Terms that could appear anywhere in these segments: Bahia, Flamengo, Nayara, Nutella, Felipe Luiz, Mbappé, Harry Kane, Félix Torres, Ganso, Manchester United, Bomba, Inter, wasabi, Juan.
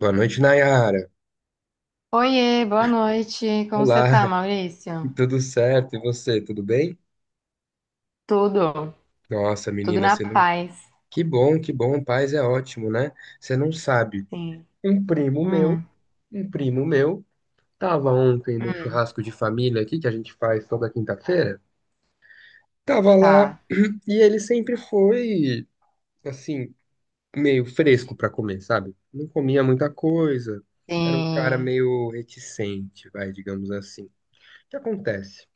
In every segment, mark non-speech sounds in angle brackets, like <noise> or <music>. Boa noite, Nayara. Oiê, boa noite. Como você Olá, tá, <laughs> Maurício? tudo certo? E você, tudo bem? Tudo, Nossa, tudo menina, na você não. paz. Que bom, paz é ótimo, né? Você não sabe. Sim. Um primo meu, Hum, um primo meu, tava ontem no hum, churrasco de família aqui que a gente faz toda quinta-feira. Tava lá tá. e ele sempre foi, assim, meio fresco pra comer, sabe? Não comia muita coisa. Era um cara Sim. meio reticente, vai, digamos assim. O que acontece?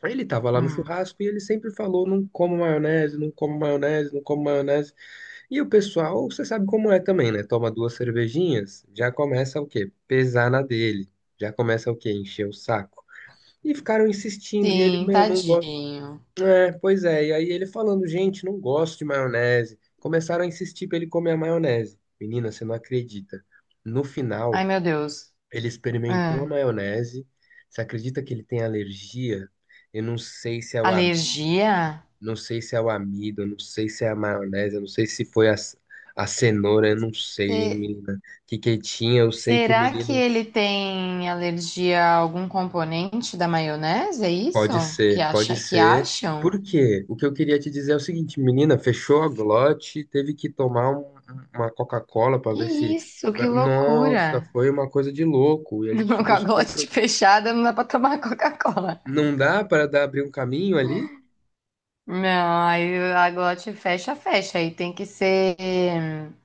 Aí ele tava lá no Hum. churrasco e ele sempre falou, não como maionese, não como maionese, não como maionese. E o pessoal, você sabe como é também, né? Toma duas cervejinhas, já começa o quê? Pesar na dele. Já começa o quê? Encher o saco. E ficaram insistindo, e ele, Sim, meu, não gosta. tadinho. É, pois é, e aí ele falando, gente, não gosto de maionese. Começaram a insistir pra ele comer a maionese. Menina, você não acredita. No final, Ai, meu Deus. ele experimentou a Hum. maionese. Você acredita que ele tem alergia? Eu não sei se é o Alergia? não sei se é o amido, não sei se é a maionese, não sei se foi a cenoura, eu não sei, hein, Se- menina. Que tinha, eu sei que o Será que menino ele tem alergia a algum componente da maionese? É isso? pode Que ser, pode acha, que ser. acham? Por quê? O que eu queria te dizer é o seguinte, menina, fechou a glote, teve que tomar uma Coca-Cola para Que ver se. isso? Que Nossa, loucura. foi uma coisa de louco. E <laughs> a gente Com ficou a super. Glote fechada, não dá pra tomar Coca-Cola. Não dá para dar abrir um caminho ali? Não, aí a glote fecha, fecha. Aí tem que ser.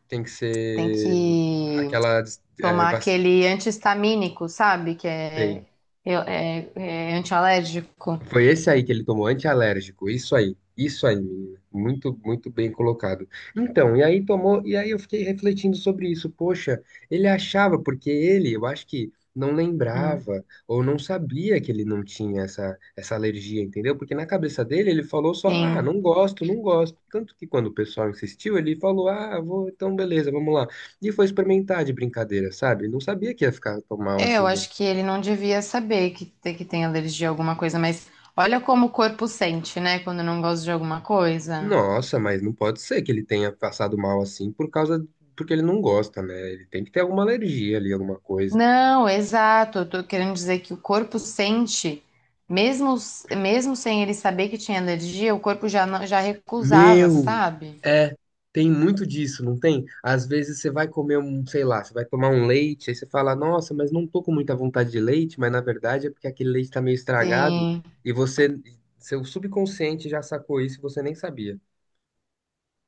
Tem que Tem ser que aquela. É, tomar aquele anti-histamínico, sabe? Que sei. é, eu- é, é antialérgico. Foi esse aí que ele tomou antialérgico, isso aí, menina. Muito, muito bem colocado. Então, e aí tomou, e aí eu fiquei refletindo sobre isso. Poxa, ele achava, porque ele, eu acho que não Hum, lembrava ou não sabia que ele não tinha essa alergia, entendeu? Porque na cabeça dele ele falou só, ah, Sim. não gosto, não gosto. Tanto que quando o pessoal insistiu, ele falou, ah, vou, então beleza, vamos lá. E foi experimentar de brincadeira, sabe? Não sabia que ia ficar tão mal É, assim. eu acho que ele não devia saber que tem alergia a alguma coisa, mas olha como o corpo sente, né? Quando não gosta de alguma coisa. Nossa, mas não pode ser que ele tenha passado mal assim por causa, porque ele não gosta, né? Ele tem que ter alguma alergia ali, alguma coisa. Não, exato. Eu tô querendo dizer que o corpo sente, mesmo, mesmo sem ele saber que tinha alergia, o corpo já, não- já recusava, Meu, sabe? é, tem muito disso, não tem? Às vezes você vai comer um, sei lá, você vai tomar um leite, aí você fala, nossa, mas não tô com muita vontade de leite, mas na verdade é porque aquele leite tá meio estragado Sim, e você, seu subconsciente já sacou isso e você nem sabia.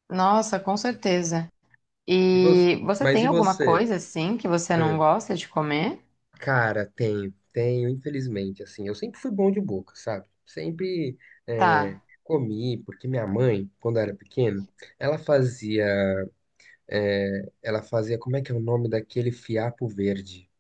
nossa, com certeza. E você, E você mas tem e alguma você? coisa assim que você não gosta de comer? Cara, tenho, tenho, infelizmente, assim, eu sempre fui bom de boca, sabe? Sempre é, Tá. comi, porque minha mãe, quando eu era pequeno, ela fazia, ela fazia, como é que é o nome daquele fiapo verde?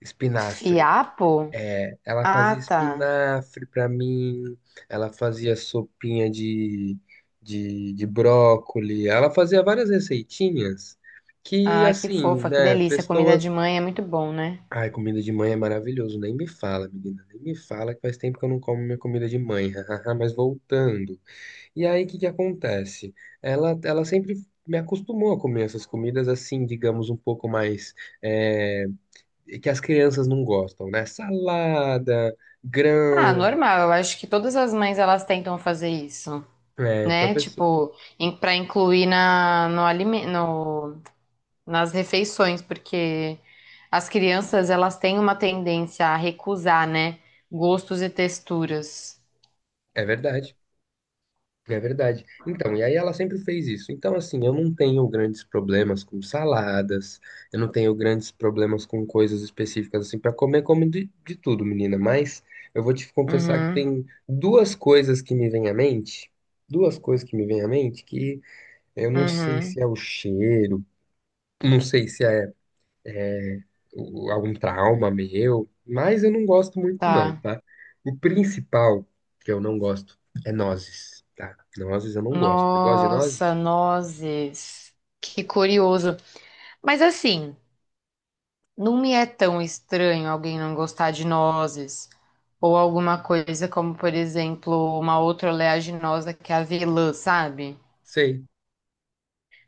Espinafre. Fiapo? É, ela Ah, fazia tá. espinafre pra mim, ela fazia sopinha de brócoli, ela fazia várias receitinhas que, Ah, que assim, fofa, que né, delícia. Comida de pessoas. mãe é muito bom, né? Ai, comida de mãe é maravilhoso. Nem me fala, menina. Nem me fala que faz tempo que eu não como minha comida de mãe. <laughs> hahaha, mas voltando. E aí, o que que acontece? Ela sempre me acostumou a comer essas comidas assim, digamos, um pouco mais. é, que as crianças não gostam, né? Salada, Ah, grão. normal. Eu acho que todas as mães elas tentam fazer isso. É, pra Né? pessoa. Tipo, para incluir na, no, alime- no, nas refeições, porque as crianças elas têm uma tendência a recusar, né? Gostos e texturas. É verdade. É verdade. Então, e aí ela sempre fez isso. Então, assim, eu não tenho grandes problemas com saladas, eu não tenho grandes problemas com coisas específicas, assim, pra comer, como de tudo, menina. Mas eu vou te confessar que Uhum, tem duas coisas que me vêm à mente, duas coisas que me vêm à mente que eu não sei se uhum, é o cheiro, não sei se é algum trauma meu, mas eu não gosto muito, não, tá. tá? O principal que eu não gosto é nozes, tá? Nozes eu não gosto. Você gosta de nozes? Nossa, nozes. Que curioso. Mas assim, não me é tão estranho alguém não gostar de nozes. Ou alguma coisa como, por exemplo, uma outra oleaginosa que é a avelã, sabe? Sei.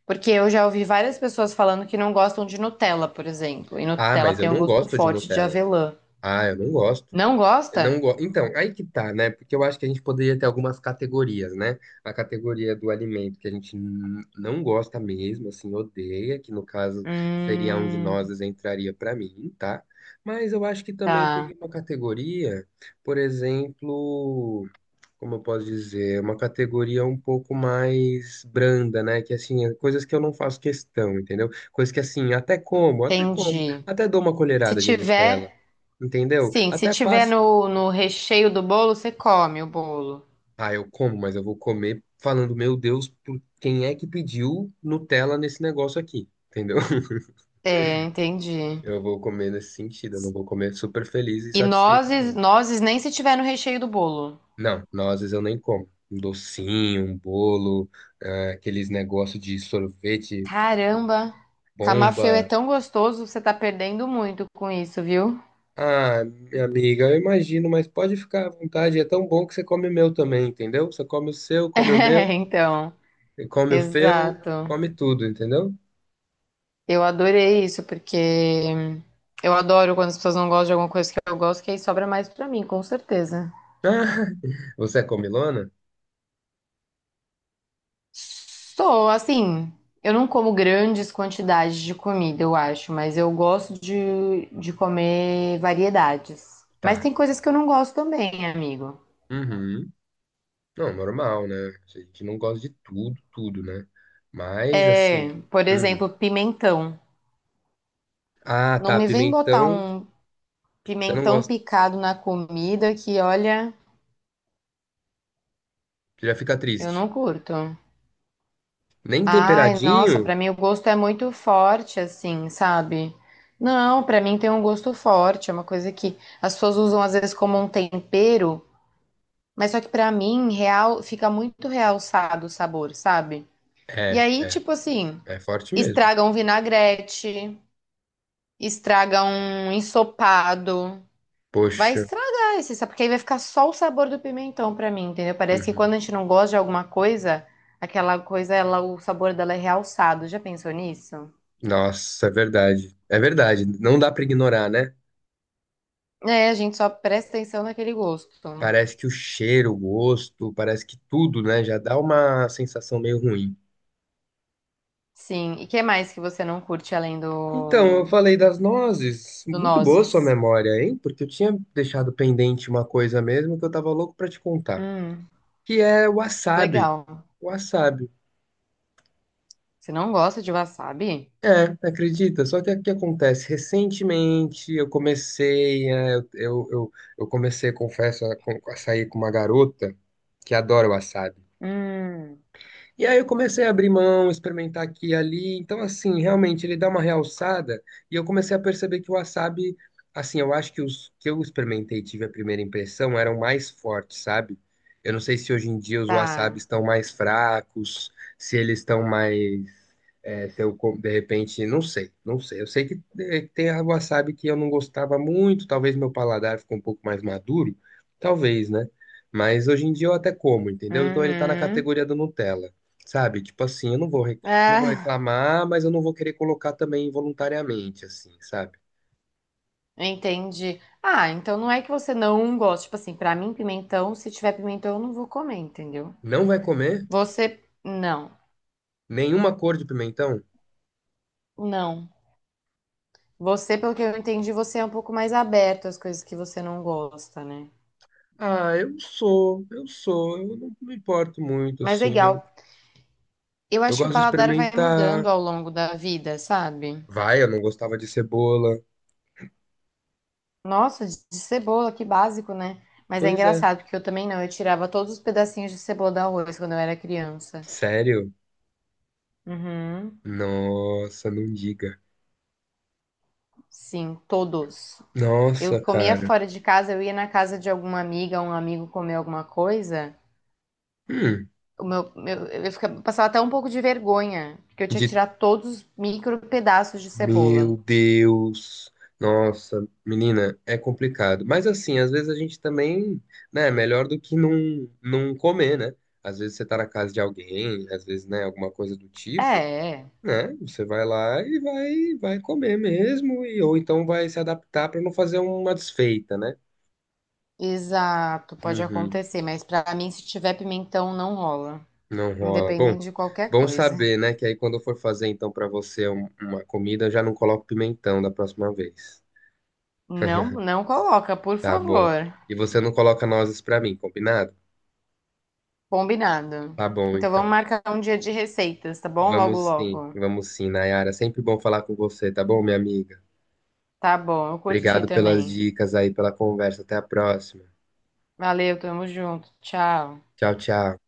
Porque eu já ouvi várias pessoas falando que não gostam de Nutella, por exemplo. E Ah, Nutella mas eu tem um não gosto gosto de forte de Nutella. avelã. Ah, eu não gosto. Não Eu não gosta? go... Então, aí que tá, né? Porque eu acho que a gente poderia ter algumas categorias, né? A categoria do alimento que a gente não gosta mesmo, assim, odeia, que no caso seria onde Hum, nós entraria pra mim, tá? Mas eu acho que também tá. teria uma categoria, por exemplo, como eu posso dizer, é uma categoria um pouco mais branda, né? Que assim, é coisas que eu não faço questão, entendeu? Coisas que assim, Entendi. até dou uma Se colherada de Nutella, tiver, entendeu? sim, se Até tiver passo. No recheio do bolo, você come o bolo. Ah, eu como, mas eu vou comer falando, meu Deus, por quem é que pediu Nutella nesse negócio aqui? Entendeu? <laughs> É, entendi. Eu vou comer nesse sentido, eu não vou comer super feliz e E satisfeito, nozes, não. nozes nem se tiver no recheio do bolo. Não, nozes eu nem como. Um docinho, um bolo, ah, aqueles negócios de sorvete. Caramba, camafeu é Bomba. tão gostoso, você tá perdendo muito com isso, viu? Ah, minha amiga, eu imagino, mas pode ficar à vontade. É tão bom que você come o meu também, entendeu? Você come o seu, <laughs> come o meu, É, então, come o seu, exato. come tudo, entendeu? Eu adorei isso, porque eu adoro quando as pessoas não gostam de alguma coisa que eu gosto, que aí sobra mais pra mim, com certeza. Ah, <laughs> você é comilona? Sou, assim, eu não como grandes quantidades de comida, eu acho, mas eu gosto de comer variedades. Mas Tá. tem coisas que eu não gosto também, amigo. Uhum. Não, normal, né? A gente não gosta de tudo, tudo, né? Mas, assim. É, por Uhum. exemplo, pimentão. Ah, Não tá. me vem botar Pimentão, um você não pimentão gosta. picado na comida que, olha, Você já fica eu triste. não curto. Nem Ai, nossa, pra temperadinho? mim o gosto é muito forte, assim, sabe? Não, pra mim tem um gosto forte, é uma coisa que as pessoas usam às vezes como um tempero, mas só que pra mim real fica muito realçado o sabor, sabe? E É, aí, tipo assim, é forte mesmo. estraga um vinagrete, estraga um ensopado, vai Poxa. estragar esse sabor, porque aí vai ficar só o sabor do pimentão pra mim, entendeu? Parece que Uhum. quando a gente não gosta de alguma coisa, aquela coisa, ela, o sabor dela é realçado. Já pensou nisso? Nossa, é verdade. É verdade. Não dá pra ignorar, né? É, a gente só presta atenção naquele gosto. Parece que o cheiro, o gosto, parece que tudo, né? Já dá uma sensação meio ruim. Sim. E que mais que você não curte além Então, eu falei das nozes. do Muito boa sua nozes? memória, hein? Porque eu tinha deixado pendente uma coisa mesmo que eu tava louco pra te contar, Hum, que é o wasabi. legal. Wasabi. Você não gosta de wasabi? É, acredita? Só que o que acontece? Recentemente eu comecei, é, eu comecei, confesso, a sair com uma garota que adora wasabi. Hum, E aí eu comecei a abrir mão, experimentar aqui e ali. Então, assim, realmente ele dá uma realçada e eu comecei a perceber que o wasabi, assim, eu acho que os que eu experimentei e tive a primeira impressão eram mais fortes, sabe? Eu não sei se hoje em dia os tá. wasabis estão mais fracos, se eles estão mais, se eu, co- de repente, não sei, não sei. Eu sei que tem a wasabi que eu não gostava muito, talvez meu paladar ficou um pouco mais maduro, talvez, né? Mas hoje em dia eu até como, entendeu? Então ele tá na Uhum. categoria do Nutella. Sabe? Tipo assim, eu não vou, re- não vou Ah, reclamar, mas eu não vou querer colocar também voluntariamente, assim, sabe? entendi. Ah, então não é que você não gosta. Tipo assim, pra mim, pimentão, se tiver pimentão, eu não vou comer, entendeu? Não vai comer Você, não. nenhuma cor de pimentão? Não. Você, pelo que eu entendi, você é um pouco mais aberto às coisas que você não gosta, né? Ah, eu sou, eu não me importo muito, Mas assim, eu, legal. Eu eu acho que o gosto de paladar vai mudando experimentar. ao longo da vida, sabe? Vai, eu não gostava de cebola. Nossa, de cebola, que básico, né? Mas é Pois é, engraçado, porque eu também não. Eu tirava todos os pedacinhos de cebola do arroz quando eu era criança. sério? Uhum. Nossa, não diga. Sim, todos. Eu Nossa, comia cara. fora de casa, eu ia na casa de alguma amiga, um amigo comer alguma coisa. Hum, Eu ficava, eu passava até um pouco de vergonha, porque eu tinha que de tirar todos os micro pedaços de cebola. meu Deus. Nossa, menina, é complicado. Mas assim, às vezes a gente também, né, é melhor do que não comer, né? Às vezes você tá na casa de alguém, às vezes, né, alguma coisa do É, tipo, é. né? Você vai lá e vai comer mesmo e ou então vai se adaptar pra não fazer uma desfeita, né? Exato, pode Uhum, acontecer, mas pra mim, se tiver pimentão, não rola. não rola. Bom, Independente de qualquer bom coisa. saber, né, que aí quando eu for fazer então pra você uma comida, eu já não coloco pimentão da próxima vez. Não, não coloca, por Tá bom. favor. E você não coloca nozes pra mim, combinado? Combinado. Tá bom, Então vamos então. marcar um dia de receitas, tá bom? Logo, logo. Vamos sim, Nayara. Sempre bom falar com você, tá bom, minha amiga? Tá bom, eu curti Obrigado pelas também. dicas aí, pela conversa. Até a próxima. Valeu, tamo junto. Tchau. Tchau, tchau.